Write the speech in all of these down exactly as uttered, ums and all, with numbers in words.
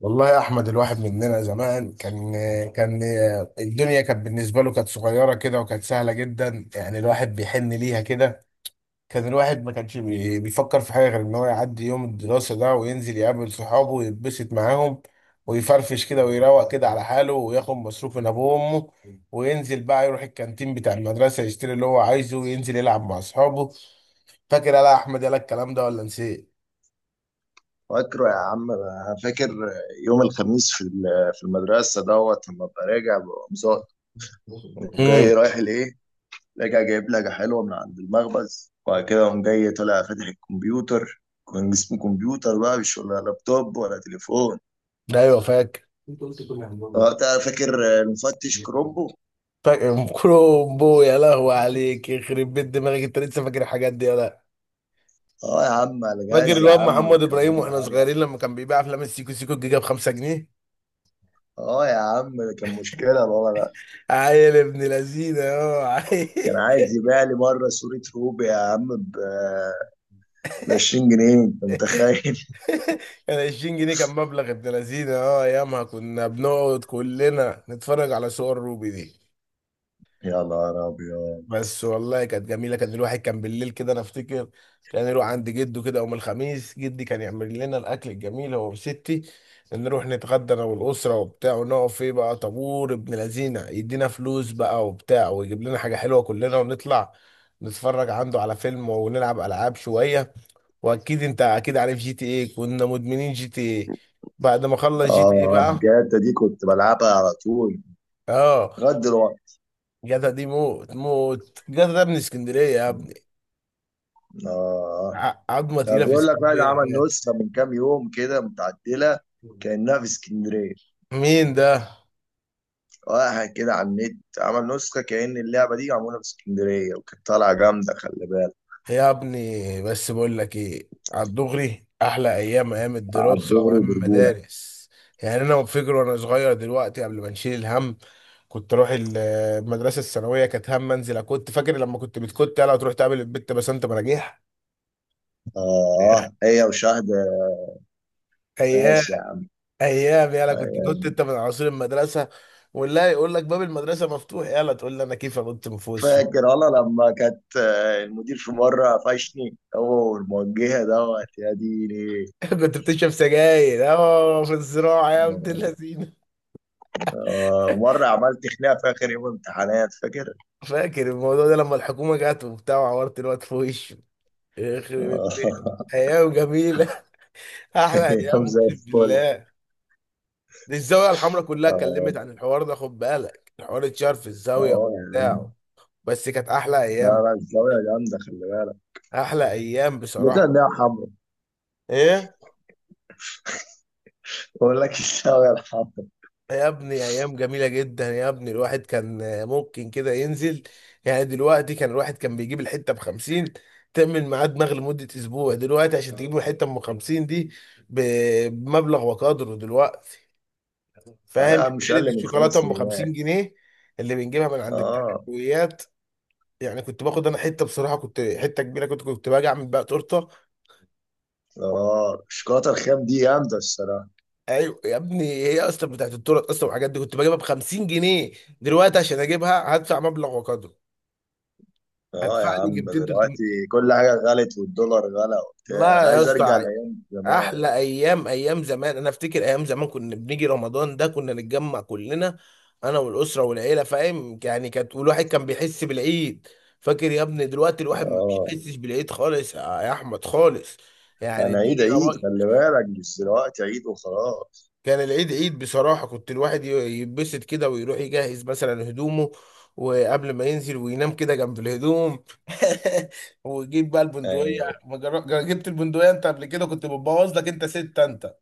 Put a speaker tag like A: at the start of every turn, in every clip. A: والله يا احمد الواحد مننا زمان كان كان الدنيا كانت بالنسبه له كانت صغيره كده وكانت سهله جدا، يعني الواحد بيحن ليها كده. كان الواحد ما كانش بي- بيفكر في حاجه غير ان هو يعدي يوم الدراسه ده وينزل يقابل صحابه ويتبسط معاهم ويفرفش كده ويروق كده على حاله وياخد مصروف من ابوه وامه، وينزل بقى يروح الكانتين بتاع المدرسه يشتري اللي هو عايزه وينزل يلعب مع اصحابه. فاكر يلا يا احمد يلا الكلام ده ولا نسيت؟
B: فاكره يا عم، أنا فاكر. يوم الخميس في ال- في المدرسه دوت لما ابقى راجع بقوم زا- قوم جاي
A: امم
B: رايح لايه. راجع جايب لجه حلوه من عند المخبز، وبعد كده قوم جاي طالع فاتح الكمبيوتر. كان اسمه كمبيوتر بقى، مش ولا لابتوب ولا تليفون.
A: ايوه فاكر.
B: وقتها فاكر المفتش كرومبو.
A: فاكر كرومبو، يا لهو عليك، يخرب بيت دماغك انت لسه فاكر الحاجات دي يا لا.
B: اه يا عم على
A: فاكر
B: جهاز يا
A: الواد
B: عم،
A: محمد
B: وكان
A: ابراهيم واحنا
B: عالي.
A: صغيرين لما كان بيبيع افلام السيكو سيكو الجيجا ب خمسة جنيه؟
B: اه يا عم ده كان مشكله بابا ده.
A: عيل ابن لذينه، اه عيل.
B: كان عايز يبيع لي مره صوره روبي يا عم ب عشرين جنيه، انت متخيل؟
A: كان عشرين جنيه كان مبلغ ابن لذينه، اه، ايامها كنا بنقعد كلنا نتفرج على صور روبي دي.
B: يا نهار أبيض.
A: بس والله كانت جميله، كان الواحد كان بالليل كده انا افتكر كان يروح عند جده كده يوم الخميس، جدي كان يعمل لنا الاكل الجميل هو وستي. نروح نتغدى انا والاسره وبتاع، ونقف فيه بقى طابور، ابن لذينه يدينا فلوس بقى وبتاع ويجيب لنا حاجه حلوه كلنا، ونطلع نتفرج عنده على فيلم ونلعب العاب شويه. واكيد انت اكيد عارف جي تي ايه، كنا مدمنين جي تي ايه. بعد ما خلص جي تي ايه
B: آه
A: بقى،
B: جاتا دي كنت بلعبها على طول،
A: اه،
B: لغاية دلوقتي.
A: جدع دي موت موت، جدع ده من اسكندريه يا ابني.
B: آه،
A: ع- عظمه
B: طب
A: تقيله في
B: بيقول لك واحد
A: اسكندريه
B: عمل
A: بجد.
B: نسخة من كام يوم كده متعدلة كأنها في اسكندرية.
A: مين ده؟
B: واحد كده على النت عمل نسخة كأن اللعبة دي معمولة في اسكندرية، وكانت طالعة جامدة خلي بالك.
A: يا ابني، بس بقول لك ايه، على الدغري احلى ايام ايام
B: على
A: الدراسه
B: الدغري
A: وايام
B: وبرجولة.
A: المدارس. يعني انا فاكر وانا صغير دلوقتي قبل ما نشيل الهم، كنت اروح ال- المدرسه الثانويه، كانت هم انزل، كنت فاكر لما كنت بتكت يلا تروح تقابل البت بسنت مراجيح.
B: آه هي وشهد.
A: ايام،
B: ماشي يا عم.
A: ايام، يلا كنت
B: أيوة.
A: كنت انت من عصير المدرسه، والله يقول لك باب المدرسه مفتوح، يلا تقول لي انا كيف انط من فوق السور.
B: فاكر والله لما كانت، آه، المدير في مرة قفشني هو والموجهة دوت يا ديني.
A: كنت بتشرب سجاير اه في الزراعة يا عبد اللذين.
B: آه، مرة عملت خناقة في آخر يوم امتحانات، فاكر؟
A: فاكر الموضوع ده لما الحكومة جت وبتاع وعورت الواد في وشه؟ يخرب
B: آه.
A: البيت أيام جميلة. أحلى
B: يوم
A: أيام
B: زي
A: أقسم
B: الفل.
A: بالله. دي الزاوية الحمراء كلها
B: اه
A: اتكلمت عن الحوار ده، خد بالك، الحوار اتشهر في الزاوية
B: آه يا عم.
A: بتاعه. بس كانت أحلى
B: لا
A: أيام.
B: لا الزاوية جامدة خلي بالك.
A: أحلى أيام
B: لقيت
A: بصراحة.
B: إن هي حمرا.
A: إيه
B: بقول لك الزاوية الحمرا.
A: يا ابني، ايام جميله جدا يا ابني، الواحد كان ممكن كده ينزل. يعني دلوقتي كان الواحد كان بيجيب الحته ب خمسين تعمل معاه دماغ لمده اسبوع. دلوقتي عشان تجيب له حته ام خمسين دي ب- بمبلغ وقدره دلوقتي.
B: آه يا
A: فاهم؟
B: عم مش
A: حته
B: أقل من خمس
A: الشوكولاته ام
B: سنين
A: خمسين جنيه اللي بنجيبها من عند بتاع
B: اه.
A: الحلويات. يعني كنت باخد انا حته، بصراحه كنت حته كبيره، كنت كنت باجي اعمل بقى تورته.
B: اه الشوكولاتة الخام دي جامدة الصراحة.
A: ايوه يا ابني، هي اصلا بتاعت التورت اصلا، والحاجات دي كنت بجيبها ب خمسين جنيه. دلوقتي عشان اجيبها هدفع مبلغ وقدره،
B: اه يا
A: هدفع لي
B: عم
A: ميتين تلتمية.
B: دلوقتي كل حاجة غلت، والدولار غلى وبتاع.
A: لا
B: أنا
A: يا
B: عايز أرجع
A: اسطى،
B: لأيام زمان.
A: احلى ايام ايام زمان. انا افتكر ايام زمان كنا بنيجي رمضان ده كنا نتجمع كلنا، انا والاسره والعيله، فاهم يعني، كانت والواحد كان بيحس بالعيد. فاكر يا ابني دلوقتي الواحد ما
B: اه.
A: بيحسش بالعيد خالص يا احمد، خالص. يعني
B: أنا عيد
A: الدنيا،
B: عيد خلي بالك، مش دلوقتي عيد وخلاص.
A: كان العيد عيد بصراحة، كنت الواحد ي- يتبسط كده ويروح يجهز مثلا هدومه، وقبل ما ينزل وينام كده جنب الهدوم. ويجيب بقى البندقية،
B: أيوه.
A: ما جر- جر- جبت البندقية انت قبل كده، كنت بتبوظ لك انت ست انت.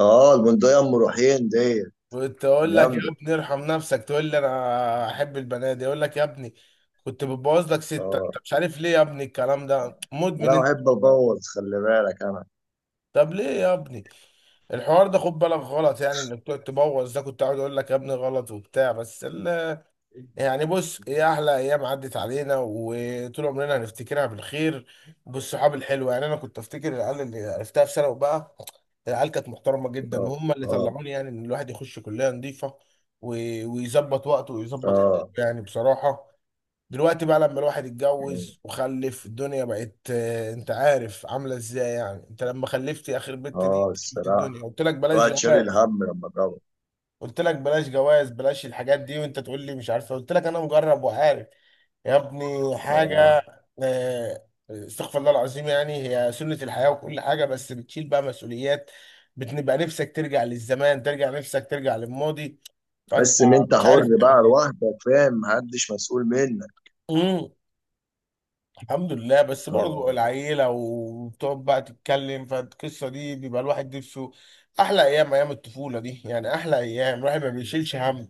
B: اه البندقية أم روحين دي
A: كنت اقول لك يا
B: جامدة.
A: ابني ارحم نفسك، تقول لي انا احب البنات، اقول لك يا ابني كنت بتبوظ لك ست
B: اه
A: انت، مش عارف ليه يا ابني الكلام ده، مدمن
B: انا
A: انت.
B: بحب ابوظ خلي بالك انا.
A: طب ليه يا ابني الحوار ده؟ خد بالك غلط، يعني انك تقعد تبوظ ده كنت عاوز اقول لك يا ابني غلط وبتاع، بس. يعني بص ايه، احلى ايام عدت علينا وطول عمرنا هنفتكرها بالخير، بالصحاب الحلوه. يعني انا كنت افتكر العيال اللي عرفتها في ثانوي بقى، العيال كانت محترمه جدا،
B: اه
A: وهم اللي
B: اه
A: طلعوني يعني ان الواحد يخش كليه نظيفه، و- ويظبط وقته ويظبط حياته
B: اه
A: يعني بصراحه. دلوقتي بقى لما الواحد اتجوز وخلف الدنيا بقت آه، انت عارف عامله ازاي يعني، انت لما خلفت اخر بنت دي
B: اه
A: شفت الدنيا.
B: الصراحة
A: قلت لك بلاش
B: الواحد شايل
A: جواز،
B: الهم لما ضرب.
A: قلت لك بلاش جواز، بلاش الحاجات دي، وانت تقول لي مش عارفه، قلت لك انا مجرب وعارف يا ابني
B: اه
A: حاجة. آه، استغفر الله العظيم، يعني هي سنة الحياة وكل حاجة، بس بتشيل بقى مسؤوليات، بتبقى نفسك ترجع للزمان، ترجع نفسك ترجع للماضي،
B: تحس
A: فأنت
B: ان انت
A: مش
B: حر
A: عارف
B: بقى
A: تعمل ايه.
B: لوحدك فاهم، محدش مسؤول منك.
A: امم الحمد لله، بس برضه
B: اه
A: العيلة وبتقعد بقى تتكلم فالقصة دي بيبقى الواحد نفسه. أحلى أيام أيام الطفولة دي، يعني أحلى أيام الواحد ما بيشيلش هم.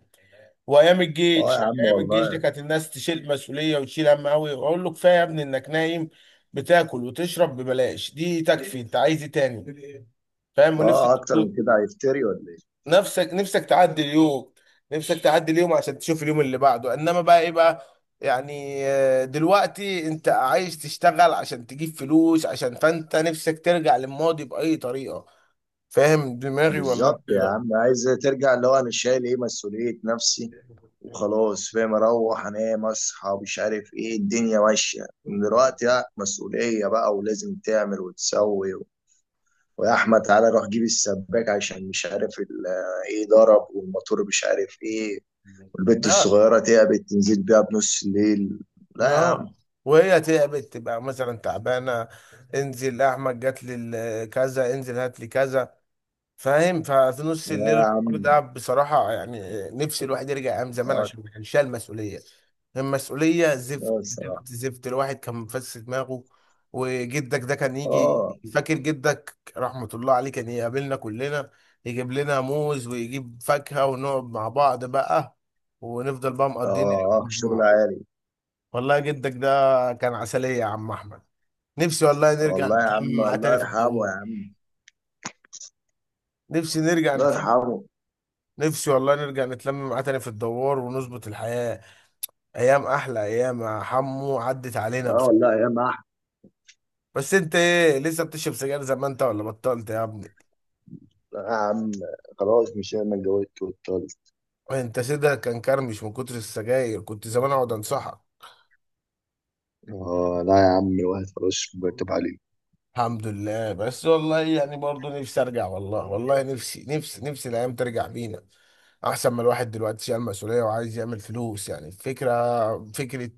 A: وايام
B: اه
A: الجيش،
B: يا
A: يعني
B: عم
A: ايام الجيش دي
B: والله.
A: كانت الناس تشيل مسؤوليه وتشيل هم قوي، اقول له كفايه يا ابني انك نايم بتاكل وتشرب ببلاش، دي تكفي، انت عايز ايه تاني؟ فاهم، ونفسك،
B: اه اكتر من كده هيفتري ولا ايه؟
A: نفسك، نفسك تعدي اليوم، نفسك تعدي اليوم عشان تشوف اليوم اللي بعده. انما بقى ايه بقى يعني، آه، دلوقتي انت عايز تشتغل عشان تجيب فلوس عشان فانت نفسك ترجع للماضي باي طريقه. فاهم دماغي ولا انت
B: بالظبط
A: إيه
B: يا
A: رأيك؟
B: عم، عايز ترجع اللي هو انا شايل ايه؟ مسؤولية نفسي وخلاص، فاهم؟ اروح انام اصحى مش عارف ايه. الدنيا ماشية من دلوقتي لا مسؤولية بقى، ولازم تعمل وتسوي. ويا احمد تعالى روح جيب السباك عشان مش عارف ال- ايه ضرب، والموتور مش عارف ايه، والبت
A: ده
B: الصغيره تعبت تنزل بيها بنص الليل. لا يا عم.
A: اه. وهي تعبت تبقى مثلا تعبانه، انزل احمد جات لي ال- كذا، انزل هات لي كذا. فاهم؟ ففي نص
B: لا
A: الليل
B: يا
A: الحوار
B: عم.
A: ده بصراحه، يعني نفسي الواحد يرجع ايام زمان
B: اه.
A: عشان ما كانش شايل المسؤوليه. المسؤوليه زفت
B: اه الصراحه.
A: زفت زفت، الواحد كان مفس دماغه. وجدك ده كان يجي.
B: اه.
A: فاكر جدك رحمه الله عليه كان يقابلنا كلنا، يجيب لنا موز ويجيب فاكهه، ونقعد مع بعض بقى ونفضل بقى مقضيين اليوم
B: اه
A: مع
B: شغل
A: بعض.
B: عالي.
A: والله جدك ده كان عسلية يا عم أحمد. نفسي والله نرجع
B: والله يا عم
A: نتلم معاه
B: الله
A: تاني في
B: يرحمه
A: الدوار.
B: يا عم.
A: نفسي نرجع
B: الله
A: نتلم.
B: يرحمه.
A: نفسي والله نرجع نتلم معاه تاني في الدوار ونظبط الحياة. أيام، أحلى أيام يا حمو عدت علينا،
B: اه
A: بس.
B: والله يا ما أحمد.
A: بس أنت إيه، لسه بتشرب سجاير زي ما أنت ولا بطلت يا ابني؟
B: لا يا عم، خلاص مش انا اتجوزت واتطلقت.
A: أنت سيدها كان كرمش من كتر السجاير، كنت زمان أقعد أنصحك.
B: اه لا يا عم، الواحد خلاص مرتب عليه.
A: الحمد لله، بس والله يعني برضه نفسي ارجع، والله والله نفسي، نفسي، نفسي الايام ترجع بينا، احسن ما الواحد دلوقتي شايل مسؤوليه وعايز يعمل فلوس. يعني الفكره، فكره،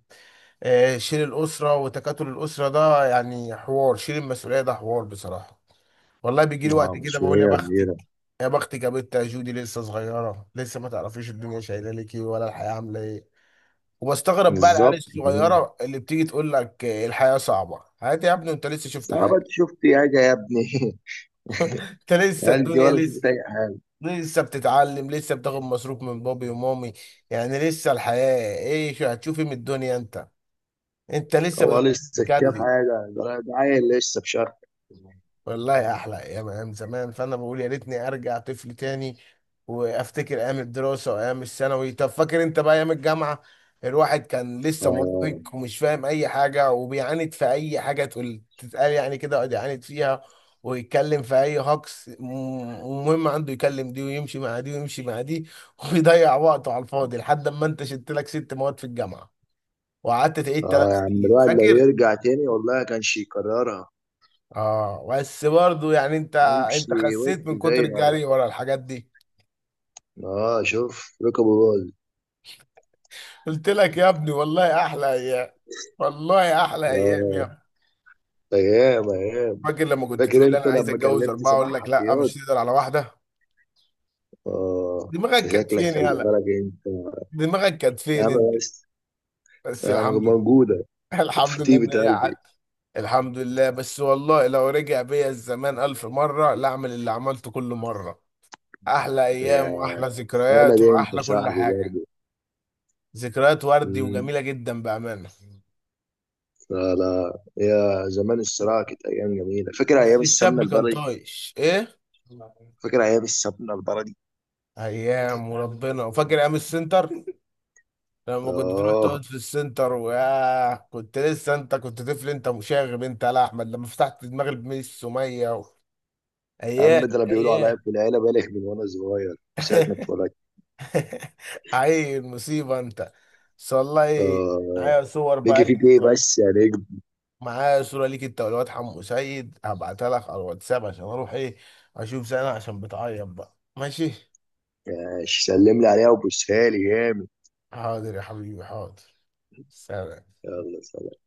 A: آه، شيل الاسره وتكاتل الاسره ده، يعني حوار شيل المسؤوليه ده حوار بصراحه. والله بيجي لي
B: اه
A: وقت كده بقول يا
B: مسؤوليه
A: بختك،
B: كبيره.
A: يا بختك يا بنت يا جودي، لسه صغيره، لسه ما تعرفيش الدنيا شايله لك ايه ولا الحياه عامله ايه. وبستغرب بقى العيال
B: بالظبط كده.
A: الصغيره اللي بتيجي تقول لك آه، الحياه صعبه. حياتي يا ابني انت لسه شفت حياه؟
B: صعبة شفت حاجة يا ابني.
A: انت لسه
B: قال دي
A: الدنيا
B: ولا شفت
A: لسه،
B: اي حاجه.
A: لسه بتتعلم، لسه بتاخد مصروف من بابي ومامي، يعني لسه الحياة ايه، شو هتشوفي من الدنيا انت؟ انت لسه
B: هو لسه شاف
A: بتجدد.
B: حاجه؟ ده ده عيل لسه في شرق.
A: والله احلى ايام ايام زمان، فانا بقول يا ريتني ارجع طفل تاني، وافتكر ايام الدراسه وايام الثانوي. طب فاكر انت بقى ايام الجامعه، الواحد كان لسه مراهق
B: اه.
A: ومش فاهم اي حاجه، وبيعاند في اي حاجه تقول تتقال، يعني كده يقعد يعاند فيها ويتكلم في اي هجص، م- ومهم عنده يكلم دي ويمشي مع دي ويمشي مع دي. ويضيع وقته على الفاضي لحد ما انت شلت لك ست مواد في الجامعه، وقعدت تعيد
B: اه
A: ثلاث
B: يا عم
A: سنين
B: الواحد لو
A: فاكر.
B: يرجع تاني والله كانش يكررها.
A: اه بس برضه يعني انت، انت
B: يمشي بص
A: خسيت من
B: زي
A: كتر
B: العرب.
A: الجري ورا الحاجات دي.
B: اه شوف ركبه باظ.
A: قلت لك يا ابني والله احلى ايام، والله احلى ايام يا
B: اه
A: ابني.
B: ايام ايام.
A: فاكر لما كنت
B: فاكر
A: تقول لي انا
B: انت
A: عايز
B: لما
A: اتجوز
B: كلمت
A: اربعه،
B: سماح
A: اقول لك لا
B: حفيظ؟
A: مش تقدر على واحده.
B: اه.
A: دماغك
B: انت
A: كانت
B: شكلك
A: فين
B: خلي
A: يالا؟
B: بالك انت.
A: دماغك كانت
B: يا
A: فين
B: عم
A: انت؟
B: بس.
A: بس
B: يا عم
A: الحمد لله.
B: موجوده. كانت
A: الحمد
B: في
A: لله ان
B: طيبه
A: هي
B: قلبي.
A: عدت. الحمد لله، بس والله لو رجع بيا الزمان الف مره لا اعمل اللي عملته كل مره. احلى
B: يا
A: ايام واحلى
B: انا
A: ذكريات
B: دي انت
A: واحلى كل
B: صاحبي
A: حاجه، ذكريات وردي
B: برضه.
A: وجميله جدا بامانه.
B: لا لا يا زمان، الصراع كانت أيام جميلة. فاكر
A: بس
B: أيام السمنة
A: الشاب كان
B: البلدي؟
A: طايش ايه.
B: فاكر أيام السمنة البلدي.
A: ايام وربنا. وفاكر ايام السنتر لما كنت تروح تقعد
B: آه
A: في السنتر وياه، كنت لسه انت كنت طفل، انت مشاغب انت يا لا احمد، لما فتحت دماغ الميس سميه و...
B: يا
A: ايام،
B: عم ده أنا بيقولوا
A: ايام.
B: عليا في العيلة بالغ من وأنا صغير، مش ساعة ما اتولدت.
A: عيل مصيبه انت. بس والله
B: آه
A: معايا صور
B: نيجي
A: بقى ليك
B: فيك
A: انت،
B: إيه بس يا نجم.
A: معايا صوره ليك انت والواد حمو سيد، هبعتها لك على الواتساب. عشان اروح ايه اشوف سنه عشان بتعيط بقى، ماشي.
B: آه، سلم لي عليها وبوسها لي جامد.
A: حاضر يا حبيبي حاضر. سلام.
B: يلا.